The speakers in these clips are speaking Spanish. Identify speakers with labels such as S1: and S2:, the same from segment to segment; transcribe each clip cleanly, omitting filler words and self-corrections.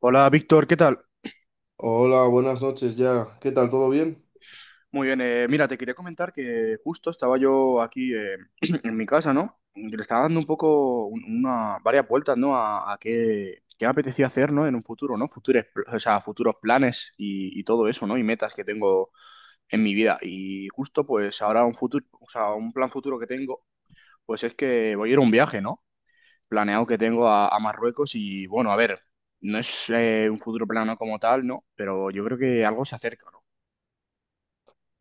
S1: Hola Víctor, ¿qué tal?
S2: Hola, buenas noches ya. ¿Qué tal? ¿Todo bien?
S1: Muy bien, mira, te quería comentar que justo estaba yo aquí en mi casa, ¿no? Y le estaba dando un poco, una, varias vueltas, ¿no? A qué me apetecía hacer, ¿no? En un futuro, ¿no? Futuros, o sea, futuros planes y todo eso, ¿no? Y metas que tengo en mi vida. Y justo, pues ahora un futuro, o sea, un plan futuro que tengo, pues es que voy a ir a un viaje, ¿no? Planeado que tengo a Marruecos y bueno, a ver, no es un futuro plano como tal, ¿no? Pero yo creo que algo se acerca, ¿no?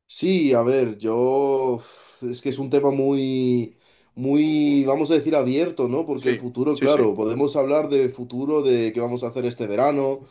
S2: Sí, a ver, yo es que es un tema muy, muy, vamos a decir, abierto, ¿no? Porque el
S1: Sí,
S2: futuro,
S1: sí, sí.
S2: claro, podemos hablar de futuro, de qué vamos a hacer este verano,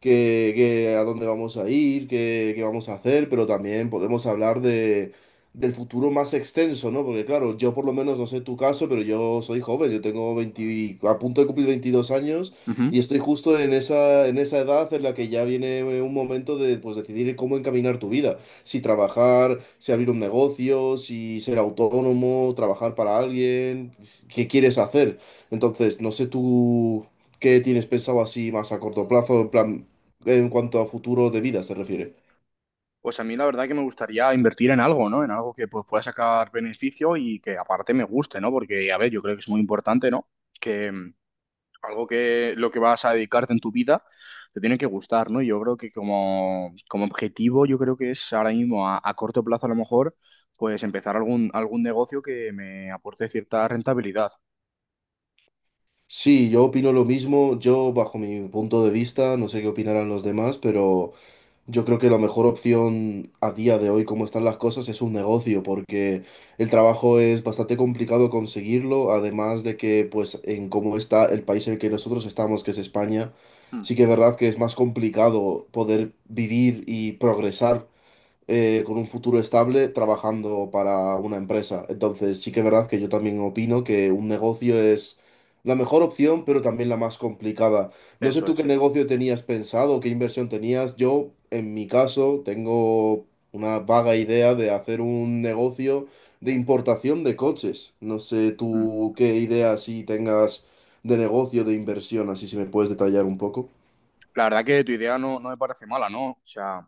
S2: que a dónde vamos a ir, qué vamos a hacer, pero también podemos hablar del futuro más extenso, ¿no? Porque claro, yo por lo menos no sé tu caso, pero yo soy joven, yo tengo 20, a punto de cumplir 22 años
S1: Ujú.
S2: y estoy justo en esa edad en la que ya viene un momento de pues decidir cómo encaminar tu vida, si trabajar, si abrir un negocio, si ser autónomo, trabajar para alguien, qué quieres hacer. Entonces, no sé tú... ¿Qué tienes pensado así más a corto plazo? En plan, en cuanto a futuro de vida se refiere.
S1: Pues a mí la verdad que me gustaría invertir en algo, ¿no? En algo que pues, pueda sacar beneficio y que aparte me guste, ¿no? Porque, a ver, yo creo que es muy importante, ¿no? Que algo que lo que vas a dedicarte en tu vida te tiene que gustar, ¿no? Yo creo que como objetivo, yo creo que es ahora mismo a corto plazo a lo mejor, pues empezar algún negocio que me aporte cierta rentabilidad.
S2: Sí, yo opino lo mismo. Yo, bajo mi punto de vista, no sé qué opinarán los demás, pero yo creo que la mejor opción a día de hoy, como están las cosas, es un negocio, porque el trabajo es bastante complicado conseguirlo, además de que, pues, en cómo está el país en el que nosotros estamos, que es España,
S1: Mm.
S2: sí que es verdad que es más complicado poder vivir y progresar con un futuro estable trabajando para una empresa. Entonces, sí que es verdad que yo también opino que un negocio es la mejor opción, pero también la más complicada. No sé
S1: Eso
S2: tú qué
S1: es.
S2: negocio tenías pensado, qué inversión tenías. Yo, en mi caso, tengo una vaga idea de hacer un negocio de importación de coches. No sé
S1: Mm.
S2: tú qué idea si tengas de negocio, de inversión, así si me puedes detallar un poco.
S1: La verdad que tu idea no me parece mala, ¿no? O sea,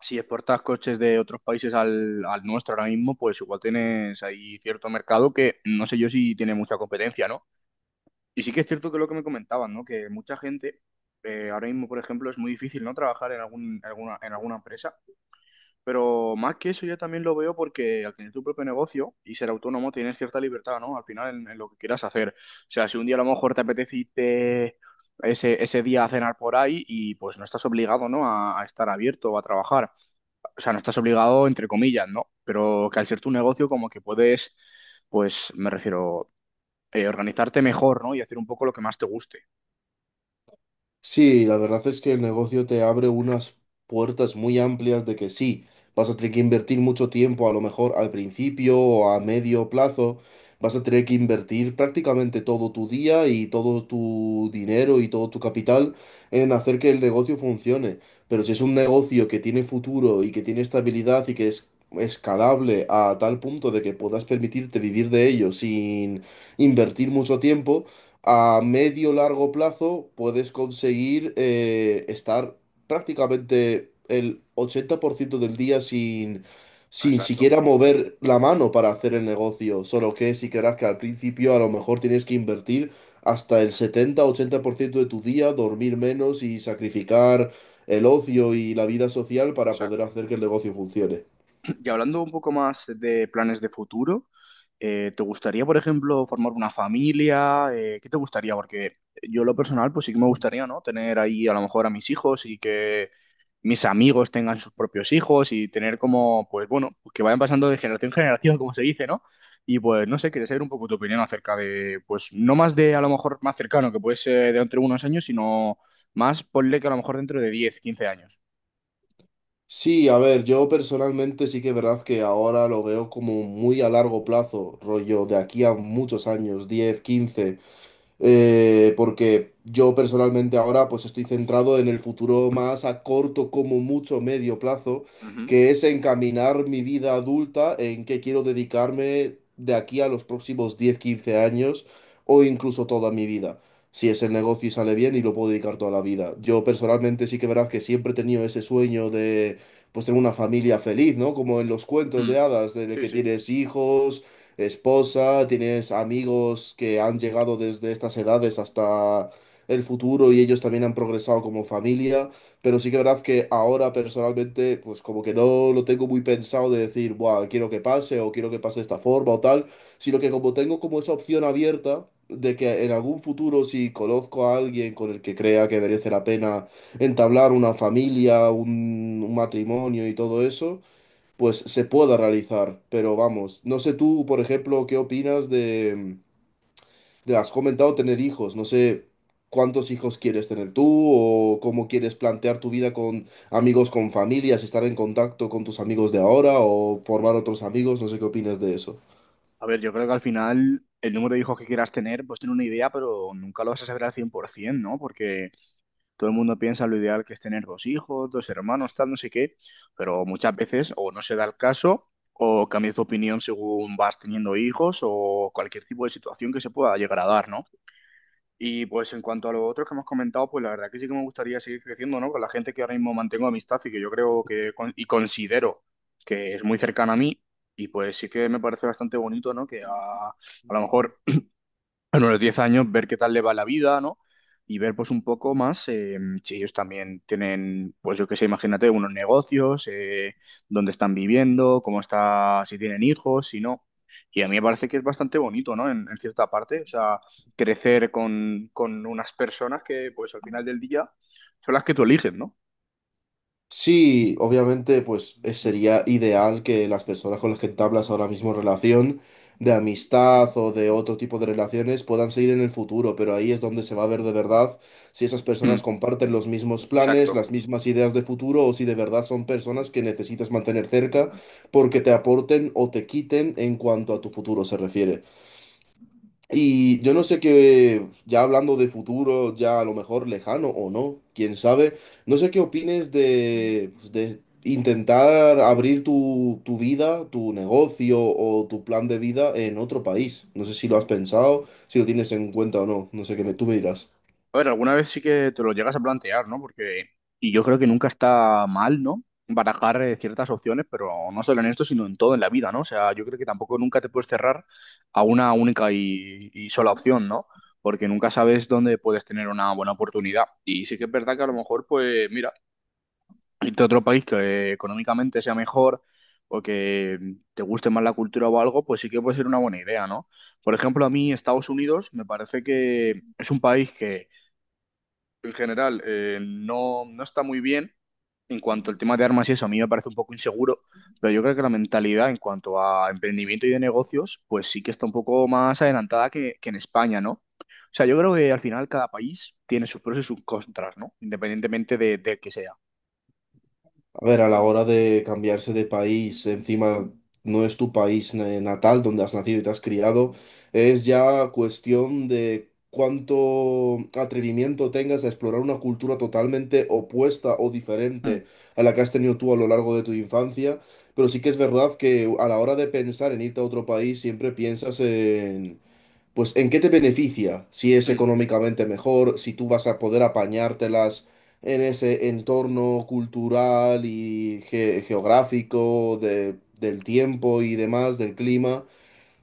S1: si exportas coches de otros países al nuestro ahora mismo, pues igual tienes ahí cierto mercado que no sé yo si tiene mucha competencia, ¿no? Y sí que es cierto que lo que me comentaban, ¿no? Que mucha gente, ahora mismo, por ejemplo, es muy difícil, ¿no? Trabajar en alguna empresa. Pero más que eso, yo también lo veo porque al tener tu propio negocio y ser autónomo, tienes cierta libertad, ¿no? Al final, en lo que quieras hacer. O sea, si un día a lo mejor te apetece irte ese día a cenar por ahí y pues no estás obligado, ¿no? A estar abierto o a trabajar, o sea, no estás obligado, entre comillas, ¿no? Pero que al ser tu negocio, como que puedes, pues, me refiero, organizarte mejor, ¿no? Y hacer un poco lo que más te guste.
S2: Sí, la verdad es que el negocio te abre unas puertas muy amplias de que sí, vas a tener que invertir mucho tiempo, a lo mejor al principio o a medio plazo, vas a tener que invertir prácticamente todo tu día y todo tu dinero y todo tu capital en hacer que el negocio funcione. Pero si es un negocio que tiene futuro y que tiene estabilidad y que es escalable a tal punto de que puedas permitirte vivir de ello sin invertir mucho tiempo, a medio largo plazo puedes conseguir estar prácticamente el 80% del día sin
S1: Exacto,
S2: siquiera mover la mano para hacer el negocio. Solo que si querrás que al principio a lo mejor tienes que invertir hasta el 70-80% de tu día, dormir menos y sacrificar el ocio y la vida social para poder
S1: exacto.
S2: hacer que el negocio funcione.
S1: Y hablando un poco más de planes de futuro, ¿te gustaría, por ejemplo, formar una familia? ¿Qué te gustaría? Porque yo en lo personal, pues sí que me gustaría, ¿no? Tener ahí a lo mejor a mis hijos y que mis amigos tengan sus propios hijos y tener como, pues bueno, que vayan pasando de generación en generación, como se dice, ¿no? Y pues no sé, quería saber un poco tu opinión acerca de, pues no más de a lo mejor más cercano, que puede ser de entre unos años, sino más ponle que a lo mejor dentro de 10, 15 años.
S2: Sí, a ver, yo personalmente sí que es verdad que ahora lo veo como muy a largo plazo, rollo de aquí a muchos años, 10, 15 porque yo personalmente ahora pues estoy centrado en el futuro más a corto como mucho medio plazo,
S1: Ujú.
S2: que es encaminar mi vida adulta en qué quiero dedicarme de aquí a los próximos 10, 15 años o incluso toda mi vida. Si es el negocio y sale bien y lo puedo dedicar toda la vida. Yo personalmente sí que verás que siempre he tenido ese sueño de pues tener una familia feliz, ¿no? Como en los cuentos de
S1: Mm.
S2: hadas, de
S1: Sí,
S2: que
S1: sí.
S2: tienes hijos, esposa, tienes amigos que han llegado desde estas edades hasta el futuro y ellos también han progresado como familia, pero sí que es verdad que ahora personalmente, pues como que no lo tengo muy pensado de decir: buah, quiero que pase o quiero que pase de esta forma o tal, sino que como tengo como esa opción abierta de que en algún futuro si conozco a alguien con el que crea que merece la pena entablar una familia, un matrimonio y todo eso, pues se pueda realizar. Pero vamos, no sé tú, por ejemplo, qué opinas de has comentado tener hijos, no sé cuántos hijos quieres tener tú o cómo quieres plantear tu vida con amigos, con familias, estar en contacto con tus amigos de ahora o formar otros amigos, no sé qué opinas de eso.
S1: A ver, yo creo que al final el número de hijos que quieras tener, pues tener una idea, pero nunca lo vas a saber al 100%, ¿no? Porque todo el mundo piensa lo ideal que es tener dos hijos, dos hermanos, tal, no sé qué, pero muchas veces o no se da el caso o cambias de opinión según vas teniendo hijos o cualquier tipo de situación que se pueda llegar a dar, ¿no? Y pues en cuanto a los otros que hemos comentado, pues la verdad que sí que me gustaría seguir creciendo, ¿no? Con la gente que ahora mismo mantengo amistad y que yo creo que y considero que es muy cercana a mí. Y pues sí que me parece bastante bonito, ¿no? Que a lo mejor bueno, a los 10 años ver qué tal le va la vida, ¿no? Y ver pues un poco más si ellos también tienen, pues yo qué sé, imagínate, unos negocios, dónde están viviendo, cómo está, si tienen hijos, si no. Y a mí me parece que es bastante bonito, ¿no? En cierta parte, o sea, crecer con unas personas que pues al final del día son las que tú eliges, ¿no?
S2: Sí, obviamente, pues sería ideal que las personas con las que entablas ahora mismo relación de amistad o de otro tipo de relaciones puedan seguir en el futuro, pero ahí es donde se va a ver de verdad si esas personas
S1: Mm,
S2: comparten los mismos planes,
S1: exacto.
S2: las mismas ideas de futuro o si de verdad son personas que necesitas mantener cerca porque te aporten o te quiten en cuanto a tu futuro se refiere. Y yo no sé qué, ya hablando de futuro, ya a lo mejor lejano o no, quién sabe, no sé qué opines de, pues, de intentar abrir tu vida, tu negocio o tu plan de vida en otro país. No sé si lo has pensado, si lo tienes en cuenta o no, no sé qué me, tú me dirás.
S1: A ver, alguna vez sí que te lo llegas a plantear, ¿no? Porque, y yo creo que nunca está mal, ¿no? Barajar ciertas opciones, pero no solo en esto, sino en todo en la vida, ¿no? O sea, yo creo que tampoco nunca te puedes cerrar a una única y sola opción, ¿no? Porque nunca sabes dónde puedes tener una buena oportunidad. Y sí que es verdad que a lo mejor, pues, mira, irte a otro país que económicamente sea mejor o que te guste más la cultura o algo, pues sí que puede ser una buena idea, ¿no? Por ejemplo, a mí Estados Unidos me parece que es un país que en general no, no está muy bien en cuanto al tema de armas y eso, a mí me parece un poco inseguro, pero yo creo que la mentalidad en cuanto a emprendimiento y de negocios, pues sí que está un poco más adelantada que en España, ¿no? O sea, yo creo que al final cada país tiene sus pros y sus contras, ¿no? Independientemente de que sea.
S2: A ver, a la hora de cambiarse de país, encima no es tu país natal donde has nacido y te has criado, es ya cuestión de cuánto atrevimiento tengas a explorar una cultura totalmente opuesta o
S1: Mm,
S2: diferente a la que has tenido tú a lo largo de tu infancia. Pero sí que es verdad que a la hora de pensar en irte a otro país, siempre piensas pues ¿en qué te beneficia? Si es
S1: mm,
S2: económicamente mejor, si tú vas a poder apañártelas en ese entorno cultural y geográfico del tiempo y demás, del clima.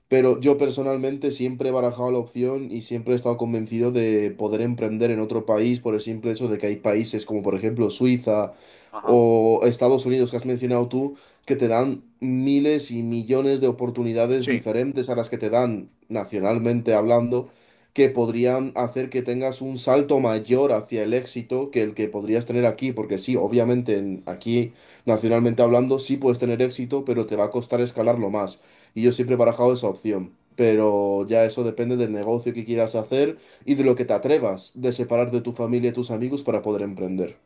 S2: Pero yo personalmente siempre he barajado la opción y siempre he estado convencido de poder emprender en otro país por el simple hecho de que hay países como por ejemplo Suiza
S1: ajá.
S2: o Estados Unidos que has mencionado tú, que te dan miles y millones de oportunidades
S1: Sí,
S2: diferentes a las que te dan nacionalmente hablando, que podrían hacer que tengas un salto mayor hacia el éxito que el que podrías tener aquí, porque sí, obviamente aquí nacionalmente hablando sí puedes tener éxito, pero te va a costar escalarlo más. Y yo siempre he barajado esa opción. Pero ya eso depende del negocio que quieras hacer y de lo que te atrevas de separar de tu familia y tus amigos para poder emprender.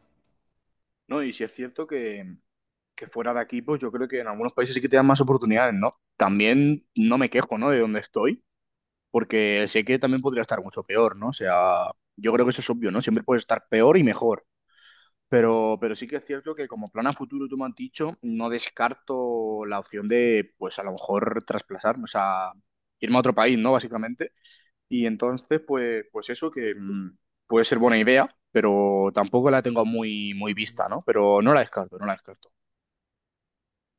S1: ¿no? Y si es cierto que fuera de aquí, pues yo creo que en algunos países sí que te dan más oportunidades, ¿no? También no me quejo, ¿no? De donde estoy, porque sé que también podría estar mucho peor, ¿no? O sea, yo creo que eso es obvio, ¿no? Siempre puede estar peor y mejor. Pero sí que es cierto que como plan a futuro, tú me has dicho, no descarto la opción de, pues a lo mejor trasplasarme, o sea, irme a otro país, ¿no? Básicamente. Y entonces, pues, pues eso que puede ser buena idea, pero tampoco la tengo muy, muy vista, ¿no? Pero no la descarto, no la descarto.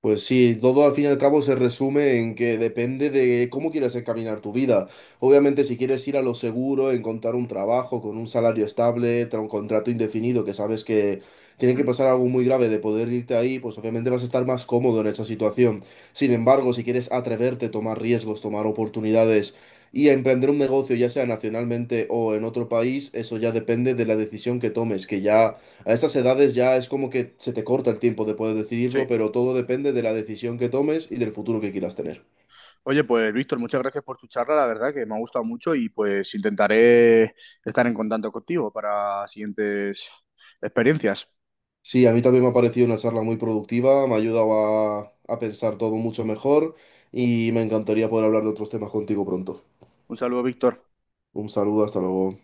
S2: Pues sí, todo al fin y al cabo se resume en que depende de cómo quieres encaminar tu vida. Obviamente, si quieres ir a lo seguro, encontrar un trabajo con un salario estable, un contrato indefinido, que sabes que tiene que
S1: Mm,
S2: pasar algo muy grave de poder irte ahí, pues obviamente vas a estar más cómodo en esa situación. Sin embargo, si quieres atreverte, tomar riesgos, tomar oportunidades y a emprender un negocio, ya sea nacionalmente o en otro país, eso ya depende de la decisión que tomes, que ya a estas edades ya es como que se te corta el tiempo de poder decidirlo,
S1: sí.
S2: pero todo depende de la decisión que tomes y del futuro que quieras tener.
S1: Oye, pues Víctor, muchas gracias por tu charla, la verdad que me ha gustado mucho y pues intentaré estar en contacto contigo para siguientes experiencias.
S2: Sí, a mí también me ha parecido una charla muy productiva, me ha ayudado a pensar todo mucho mejor y me encantaría poder hablar de otros temas contigo pronto.
S1: Un saludo, Víctor.
S2: Un saludo, hasta luego.